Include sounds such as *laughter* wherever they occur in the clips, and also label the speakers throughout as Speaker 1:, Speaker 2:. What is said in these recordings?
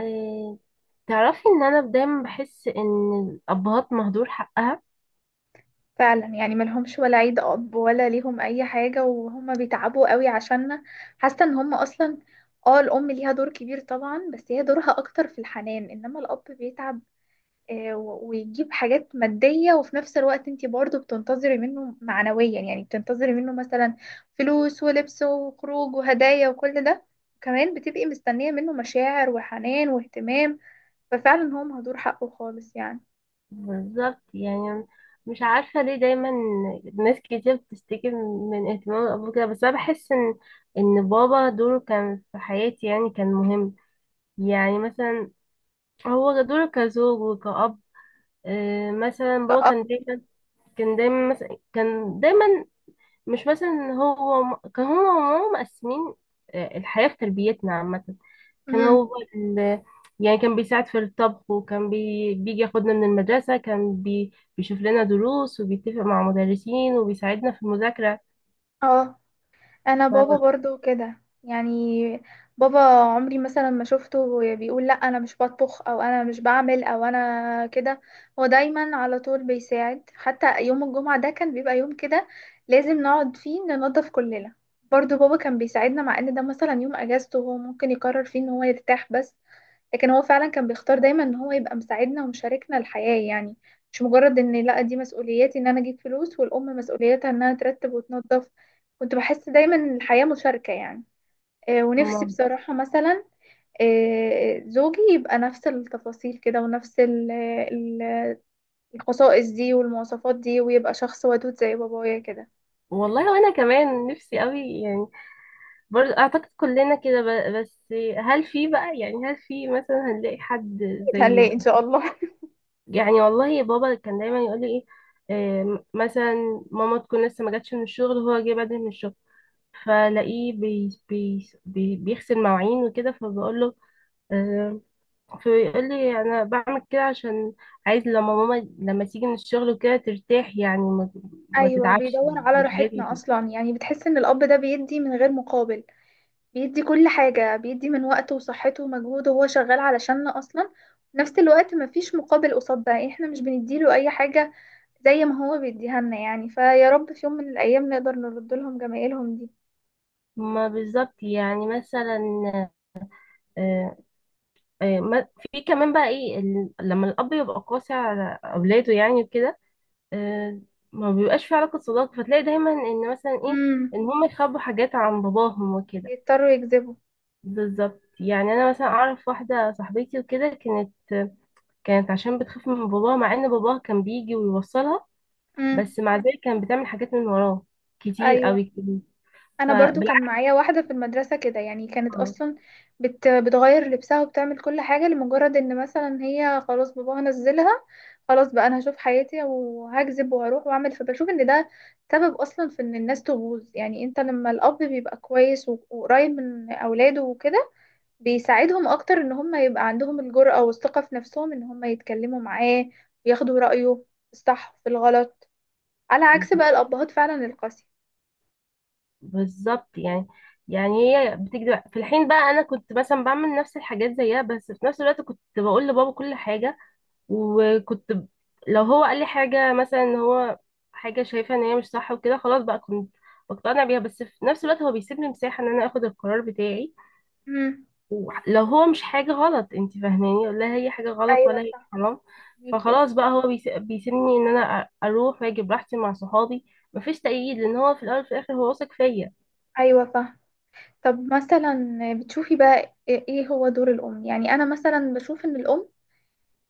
Speaker 1: آه، تعرفي ان انا دايما بحس ان الابهات مهدور حقها.
Speaker 2: فعلا يعني ملهمش ولا عيد اب ولا ليهم اي حاجه، وهم بيتعبوا قوي عشاننا. حاسه ان هم اصلا، اه، الام ليها دور كبير طبعا، بس هي دورها اكتر في الحنان، انما الاب بيتعب ويجيب حاجات ماديه، وفي نفس الوقت انتي برضو بتنتظري منه معنويا، يعني بتنتظري منه مثلا فلوس ولبس وخروج وهدايا وكل ده. كمان بتبقي مستنيه منه مشاعر وحنان واهتمام. ففعلا هو مهدور حقه خالص يعني.
Speaker 1: بالظبط يعني، مش عارفه ليه دايما ناس كتير بتشتكي من اهتمام الاب كده، بس انا بحس ان بابا دوره كان في حياتي، يعني كان مهم. يعني مثلا هو دوره كزوج وكأب. مثلا بابا
Speaker 2: كأب.
Speaker 1: كان دايما، مش مثلا هو كان هو وماما مقسمين. الحياة في تربيتنا عامة. كان
Speaker 2: مم.
Speaker 1: هو ال... يعني كان بيساعد في الطبخ، وكان بيجي ياخدنا من المدرسة، كان بيشوف لنا دروس، وبيتفق مع مدرسين، وبيساعدنا في المذاكرة.
Speaker 2: اه، انا بابا
Speaker 1: ف...
Speaker 2: برضو كده يعني. بابا عمري مثلا ما شفته بيقول لا انا مش بطبخ او انا مش بعمل او انا كده. هو دايما على طول بيساعد، حتى يوم الجمعة ده كان بيبقى يوم كده لازم نقعد فيه ننظف كلنا. برضو بابا كان بيساعدنا، مع ان ده مثلا يوم اجازته هو ممكن يقرر فيه ان هو يرتاح، بس لكن هو فعلا كان بيختار دايما ان هو يبقى مساعدنا ومشاركنا الحياة يعني. مش مجرد ان لا دي مسؤوليتي ان انا اجيب فلوس، والام مسؤوليتها انها ترتب وتنظف. كنت بحس دايما ان الحياة مشاركة يعني. ونفسي
Speaker 1: م-
Speaker 2: بصراحة مثلا زوجي يبقى نفس التفاصيل كده، ونفس الخصائص دي والمواصفات دي، ويبقى شخص ودود زي بابايا كده.
Speaker 1: والله وانا كمان نفسي قوي يعني. برضه اعتقد كلنا كده، بس هل في مثلا هنلاقي حد
Speaker 2: أكيد
Speaker 1: زي.
Speaker 2: هنلاقي ان شاء الله.
Speaker 1: يعني والله بابا كان دايما يقول لي ايه. مثلا ماما تكون لسه ما جاتش من الشغل، وهو جه بدري من الشغل، فلاقيه بيغسل مواعين وكده، فبقول له. آه، فيقول لي انا بعمل كده عشان عايز لما ماما تيجي من الشغل وكده ترتاح، يعني ما,
Speaker 2: *laughs*
Speaker 1: ما
Speaker 2: ايوه،
Speaker 1: تتعبش،
Speaker 2: بيدور
Speaker 1: يعني
Speaker 2: على
Speaker 1: مش عايزه
Speaker 2: راحتنا
Speaker 1: تتعب.
Speaker 2: اصلا، يعني بتحس ان الاب ده بيدي من غير مقابل. بيدي كل حاجة، بيدي من وقته وصحته ومجهوده، وهو شغال علشاننا أصلا. في نفس الوقت مفيش مقابل قصاد ده، يعني احنا مش بنديله أي حاجة زي ما هو بيديها لنا يعني. فيا رب في يوم من الأيام نقدر نرد لهم جمايلهم دي.
Speaker 1: ما بالظبط يعني مثلا. آه، في كمان بقى ايه، لما الاب يبقى قاسي على اولاده يعني وكده. آه، ما بيبقاش في علاقه صداقه، فتلاقي دايما ان مثلا ايه،
Speaker 2: امم.
Speaker 1: ان هم يخبوا حاجات عن باباهم وكده.
Speaker 2: يضطروا يكذبوا.
Speaker 1: بالظبط، يعني انا مثلا اعرف واحده صاحبتي وكده كانت عشان بتخاف من باباها، مع ان باباها كان بيجي ويوصلها،
Speaker 2: امم.
Speaker 1: بس مع ذلك كانت بتعمل حاجات من وراه كتير
Speaker 2: أيوة.
Speaker 1: قوي كتير.
Speaker 2: انا برضو كان
Speaker 1: فبالعكس،
Speaker 2: معايا واحده في المدرسه كده يعني. كانت اصلا بتغير لبسها وبتعمل كل حاجه، لمجرد ان مثلا هي خلاص باباها نزلها. خلاص بقى انا هشوف حياتي وهكذب وهروح واعمل. فبشوف ان ده سبب اصلا في ان الناس تبوظ. يعني انت لما الاب بيبقى كويس وقريب من اولاده وكده، بيساعدهم اكتر ان هم يبقى عندهم الجرأة والثقه في نفسهم ان هم يتكلموا معاه وياخدوا رأيه في الصح وفي الغلط. على عكس بقى الابهات فعلا القاسيه.
Speaker 1: بالظبط يعني. يعني هي بتكذب في الحين، بقى انا كنت مثلا بعمل نفس الحاجات زيها، بس في نفس الوقت كنت بقول لبابا كل حاجه. وكنت لو هو قال لي حاجه، مثلا ان هو حاجه شايفه ان هي مش صح وكده، خلاص بقى كنت بقتنع بيها، بس في نفس الوقت هو بيسيبني مساحه ان انا اخد القرار بتاعي.
Speaker 2: امم.
Speaker 1: لو هو مش حاجة غلط، انت فاهماني، لا هي حاجة غلط
Speaker 2: ايوه
Speaker 1: ولا هي
Speaker 2: صح.
Speaker 1: حرام.
Speaker 2: ميكي.
Speaker 1: فخلاص بقى هو بيسيبني ان انا اروح واجي براحتي مع صحابي. مفيش تأييد، لان هو في الاول وفي الاخر هو واثق فيا.
Speaker 2: ايوه فاهم. طب مثلا بتشوفي بقى إيه هو دور الام؟ يعني انا مثلا بشوف ان الام،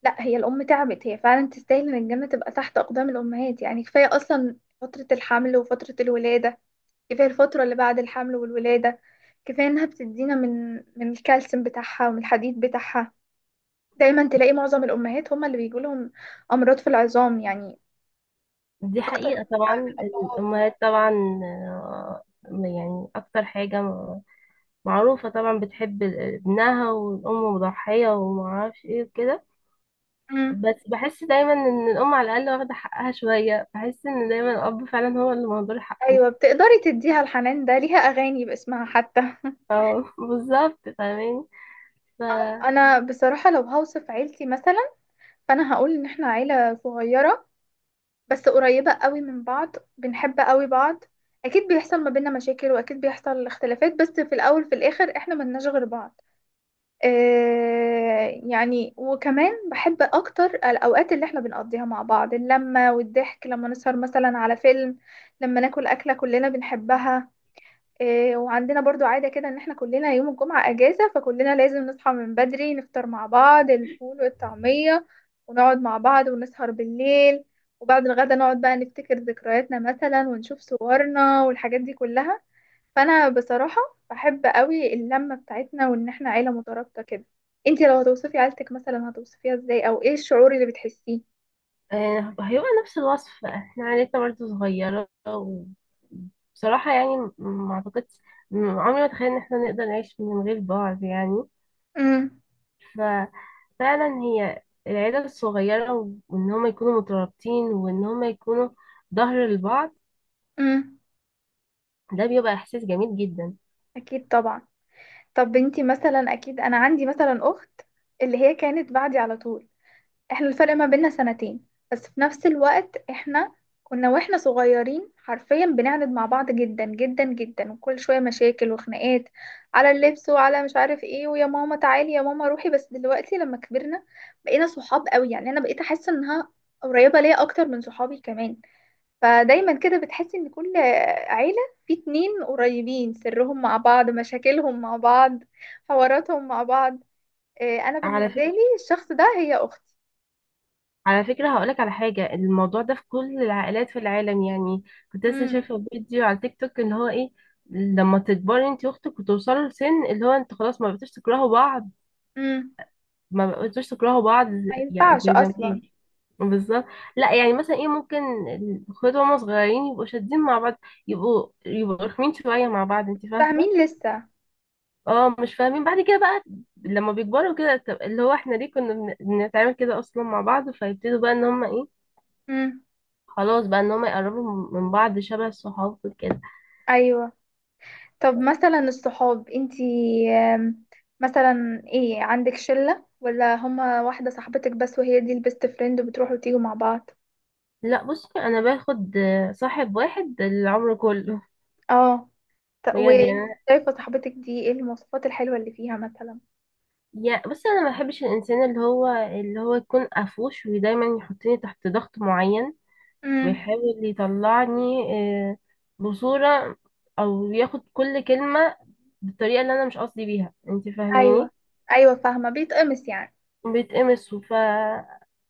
Speaker 2: لا، هي الام تعبت، هي فعلا تستاهل ان الجنه تبقى تحت اقدام الامهات. يعني كفايه اصلا فتره الحمل وفتره الولاده، كفايه الفتره اللي بعد الحمل والولاده، كفايه انها بتدينا من الكالسيوم بتاعها ومن الحديد بتاعها. دايما تلاقي معظم الامهات هم اللي بيجوا لهم امراض في العظام يعني،
Speaker 1: دي
Speaker 2: اكتر
Speaker 1: حقيقة طبعا.
Speaker 2: من الابهات.
Speaker 1: الامهات طبعا. آه، يعني اكتر حاجة معروفة، طبعا بتحب ابنها، والام مضحية ومعرفش ايه وكده.
Speaker 2: امم.
Speaker 1: بس بحس دايما ان الام على الاقل واخدة حقها شوية، بحس ان دايما الاب فعلا هو اللي مهدور حقه.
Speaker 2: ايوه بتقدري تديها الحنان ده، ليها اغاني باسمها حتى *laughs*
Speaker 1: اه *laughs* بالظبط فاهماني. ف
Speaker 2: انا بصراحة لو هوصف عيلتي مثلا، فانا هقول ان احنا عيلة صغيرة، بس قريبة قوي من بعض، بنحب قوي بعض. اكيد بيحصل ما بيننا مشاكل، واكيد بيحصل اختلافات، بس في الاول في الاخر احنا ملناش غير بعض. آه يعني، وكمان بحب اكتر الاوقات اللي احنا بنقضيها مع بعض، اللمة والضحك لما نسهر مثلا على فيلم، لما ناكل اكلة كلنا بنحبها. إيه، وعندنا برضو عادة كده ان احنا كلنا يوم الجمعة اجازة، فكلنا لازم نصحى من بدري نفطر مع بعض الفول والطعمية، ونقعد مع بعض ونسهر بالليل، وبعد الغدا نقعد بقى نفتكر ذكرياتنا مثلا، ونشوف صورنا والحاجات دي كلها. فانا بصراحة بحب قوي اللمة بتاعتنا، وان احنا عيلة مترابطة كده. انتي لو هتوصفي عيلتك مثلا، هتوصفيها ازاي او ايه الشعور اللي بتحسيه؟
Speaker 1: هيبقى نفس الوصف، احنا عيلتنا برضه صغيرة، وبصراحة يعني ما اعتقدش، عمري ما تخيل ان احنا نقدر نعيش من غير بعض يعني.
Speaker 2: امم.
Speaker 1: ففعلا هي العيلة الصغيرة، وان هما يكونوا مترابطين، وان هما يكونوا ظهر لبعض.
Speaker 2: امم.
Speaker 1: ده بيبقى احساس جميل جدا.
Speaker 2: اكيد طبعا. طب انتي مثلا، اكيد انا عندي مثلا اخت اللي هي كانت بعدي على طول، احنا الفرق ما بيننا سنتين، بس في نفس الوقت احنا كنا واحنا صغيرين حرفيا بنعند مع بعض جدا جدا جدا، وكل شوية مشاكل وخناقات على اللبس وعلى مش عارف ايه، ويا ماما تعالي يا ماما روحي، بس دلوقتي لما كبرنا بقينا صحاب قوي يعني. انا بقيت احس انها قريبة ليا اكتر من صحابي كمان. فدايما كده بتحس ان كل عيلة في اتنين قريبين، سرهم مع بعض، مشاكلهم مع بعض، حواراتهم مع بعض. إيه، انا
Speaker 1: على
Speaker 2: بالنسبة لي الشخص ده هي اختي.
Speaker 1: على فكرة هقولك على حاجة، الموضوع ده في كل العائلات في العالم يعني. كنت لسه
Speaker 2: مم.
Speaker 1: شايفة فيديو على تيك توك ان هو ايه، لما تكبري انت واختك وتوصلوا لسن اللي هو انتوا خلاص ما بقيتوش تكرهوا بعض.
Speaker 2: امم.
Speaker 1: ما بقيتوش تكرهوا بعض.
Speaker 2: ما
Speaker 1: يعني
Speaker 2: ينفعش
Speaker 1: زي زمان.
Speaker 2: اصلا.
Speaker 1: بالظبط. لا يعني مثلا ايه ممكن الاخوات وهما صغيرين يبقوا شادين مع بعض، يبقوا رخمين شوية مع بعض، انت فاهمة.
Speaker 2: فاهمين لسه.
Speaker 1: اه، مش فاهمين بعد كده بقى. لما بيكبروا كده طب اللي هو احنا ليه كنا بنتعامل كده اصلا مع بعض، فيبتدوا بقى ان هما ايه،
Speaker 2: امم.
Speaker 1: خلاص بقى ان هم يقربوا من بعض شبه الصحاب كده.
Speaker 2: ايوه. طب مثلا الصحاب انتي آم، مثلا ايه، عندك شلة ولا هما واحدة صاحبتك بس وهي دي البيست فريند وبتروحوا وتيجوا مع بعض؟
Speaker 1: لا بصي، انا باخد صاحب واحد العمر كله.
Speaker 2: اه.
Speaker 1: بجد يعني
Speaker 2: وانت شايفة صاحبتك دي ايه المواصفات الحلوة اللي فيها مثلا؟
Speaker 1: يا بصي انا ما بحبش الانسان اللي هو يكون قفوش، ودايما يحطني تحت ضغط معين،
Speaker 2: امم.
Speaker 1: ويحاول يطلعني آه، بصورة، او ياخد كل كلمة بالطريقة اللي انا مش قصدي بيها، انت
Speaker 2: ايوه.
Speaker 1: فاهماني.
Speaker 2: ايوه فاهمة، بيتقمص يعني.
Speaker 1: بيتقمصوا.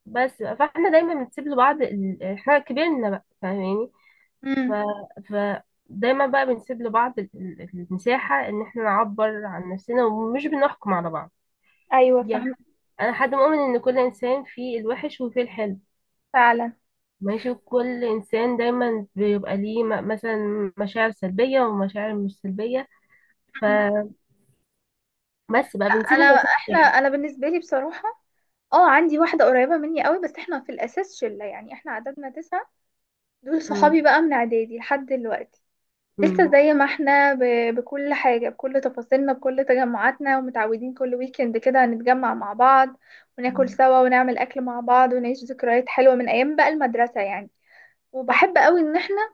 Speaker 1: بس فاحنا دايما بنسيب لبعض، احنا كبرنا بقى، فاهماني. ف...
Speaker 2: امم.
Speaker 1: فدايما بقى بنسيب لبعض المساحة ان احنا نعبر عن نفسنا، ومش بنحكم على بعض
Speaker 2: ايوه
Speaker 1: يعني.
Speaker 2: فاهمة.
Speaker 1: انا حد مؤمن ان كل انسان فيه الوحش وفيه الحلو.
Speaker 2: فعلا.
Speaker 1: ماشي، كل انسان دايما بيبقى ليه مثلا مشاعر سلبية ومشاعر مش سلبية.
Speaker 2: مم.
Speaker 1: فبس بقى بنسيب المساحة للواحد.
Speaker 2: انا بالنسبة لي بصراحة اه، عندي واحدة قريبة مني قوي، بس احنا في الأساس شلة، يعني احنا عددنا تسعة، دول
Speaker 1: مم.
Speaker 2: صحابي بقى من إعدادي لحد دلوقتي. لسه
Speaker 1: مم.
Speaker 2: زي ما احنا بكل حاجة، بكل تفاصيلنا، بكل تجمعاتنا، ومتعودين كل ويكند كده هنتجمع مع بعض وناكل
Speaker 1: مم.
Speaker 2: سوا ونعمل أكل مع بعض ونعيش ذكريات حلوة من أيام بقى المدرسة يعني. وبحب قوي ان احنا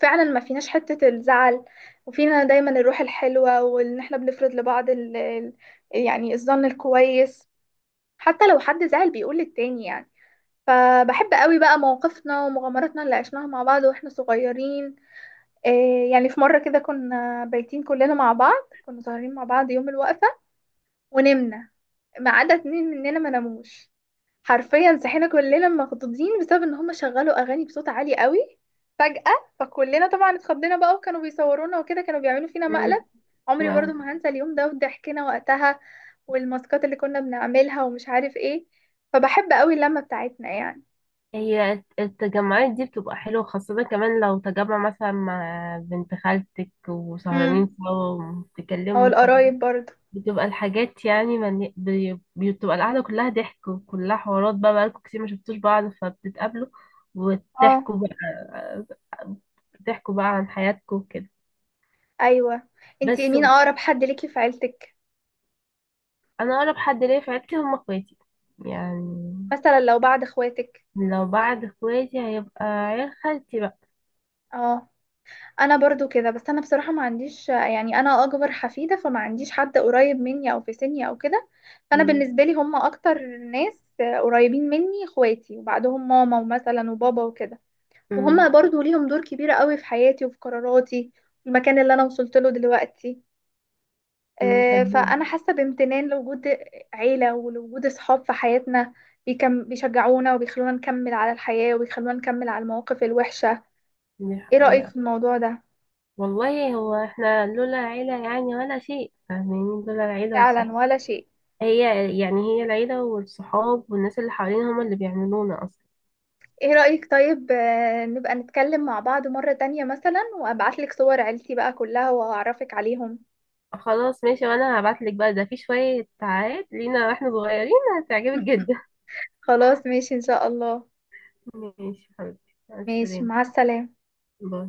Speaker 2: فعلا ما فيناش حتة الزعل، وفينا دايما الروح الحلوة، وان احنا بنفرض لبعض يعني الظن الكويس حتى لو حد زعل، بيقول للتاني يعني. فبحب قوي بقى مواقفنا ومغامراتنا اللي عشناها مع بعض واحنا صغيرين. إيه يعني، في مرة كده كنا بايتين كلنا مع بعض، كنا سهرانين مع بعض يوم الوقفة، ونمنا ما عدا اتنين مننا ما ناموش. حرفيا صحينا كلنا مخضوضين بسبب ان هم شغلوا اغاني بصوت عالي قوي فجأة. فكلنا طبعا اتخضينا بقى، وكانوا بيصورونا وكده، كانوا بيعملوا فينا
Speaker 1: مم.
Speaker 2: مقلب. عمري برضو
Speaker 1: نعم.
Speaker 2: ما هنسى اليوم ده وضحكنا وقتها والماسكات اللي كنا بنعملها ومش عارف ايه. فبحب قوي اللمة بتاعتنا
Speaker 1: هي التجمعات دي بتبقى حلوة، خاصة كمان لو تجمع مثلا مع بنت خالتك
Speaker 2: يعني،
Speaker 1: وسهرانين سوا
Speaker 2: او
Speaker 1: وبتتكلموا،
Speaker 2: القرايب برضه.
Speaker 1: بتبقى الحاجات يعني بتبقى القعدة كلها ضحك وكلها حوارات، بقى بقالكوا كتير ما شفتوش بعض، فبتتقابلوا
Speaker 2: اه.
Speaker 1: وتحكوا بقى عن حياتكم وكده.
Speaker 2: ايوه. انتي
Speaker 1: بس
Speaker 2: مين اقرب حد ليكي في عيلتك؟
Speaker 1: انا اقرب حد ليا في عيلتي هم اخواتي يعني.
Speaker 2: مثلا لو بعد اخواتك.
Speaker 1: لو بعد اخواتي هيبقى عيال خالتي بقى.
Speaker 2: اه، انا برضو كده بس انا بصراحه ما عنديش يعني، انا اكبر حفيده فما عنديش حد قريب مني او في سني او كده. فانا
Speaker 1: م-
Speaker 2: بالنسبه لي هم اكتر ناس قريبين مني اخواتي، وبعدهم ماما ومثلا وبابا وكده.
Speaker 1: م-
Speaker 2: وهم برضو ليهم دور كبير قوي في حياتي وفي قراراتي، في المكان اللي انا وصلت له دلوقتي.
Speaker 1: فاهمين.
Speaker 2: فأنا حاسة بامتنان لوجود عيلة ولوجود أصحاب في حياتنا بيكم، بيشجعونا وبيخلونا نكمل على الحياة وبيخلونا نكمل على المواقف الوحشة.
Speaker 1: دي
Speaker 2: إيه رأيك
Speaker 1: حقيقة.
Speaker 2: في الموضوع ده؟
Speaker 1: والله هو احنا لولا العيلة يعني ولا شيء، فاهمين، لولا العيلة
Speaker 2: فعلا،
Speaker 1: والصحاب.
Speaker 2: ولا شيء.
Speaker 1: هي هي العيلة والصحاب والناس اللي حوالينا هما اللي بيعملونا أصلا.
Speaker 2: إيه رأيك طيب نبقى نتكلم مع بعض مرة تانية مثلا، وأبعتلك صور عيلتي بقى كلها وأعرفك عليهم.
Speaker 1: خلاص ماشي، وأنا هبعتلك بقى ده في شوية ساعات لينا واحنا صغيرين، هتعجبك
Speaker 2: *laughs*
Speaker 1: جدا.
Speaker 2: خلاص ماشي إن شاء الله.
Speaker 1: *laughs* ماشي حبيبتي، مع
Speaker 2: ماشي
Speaker 1: السلامة.
Speaker 2: مع السلامة.
Speaker 1: باي.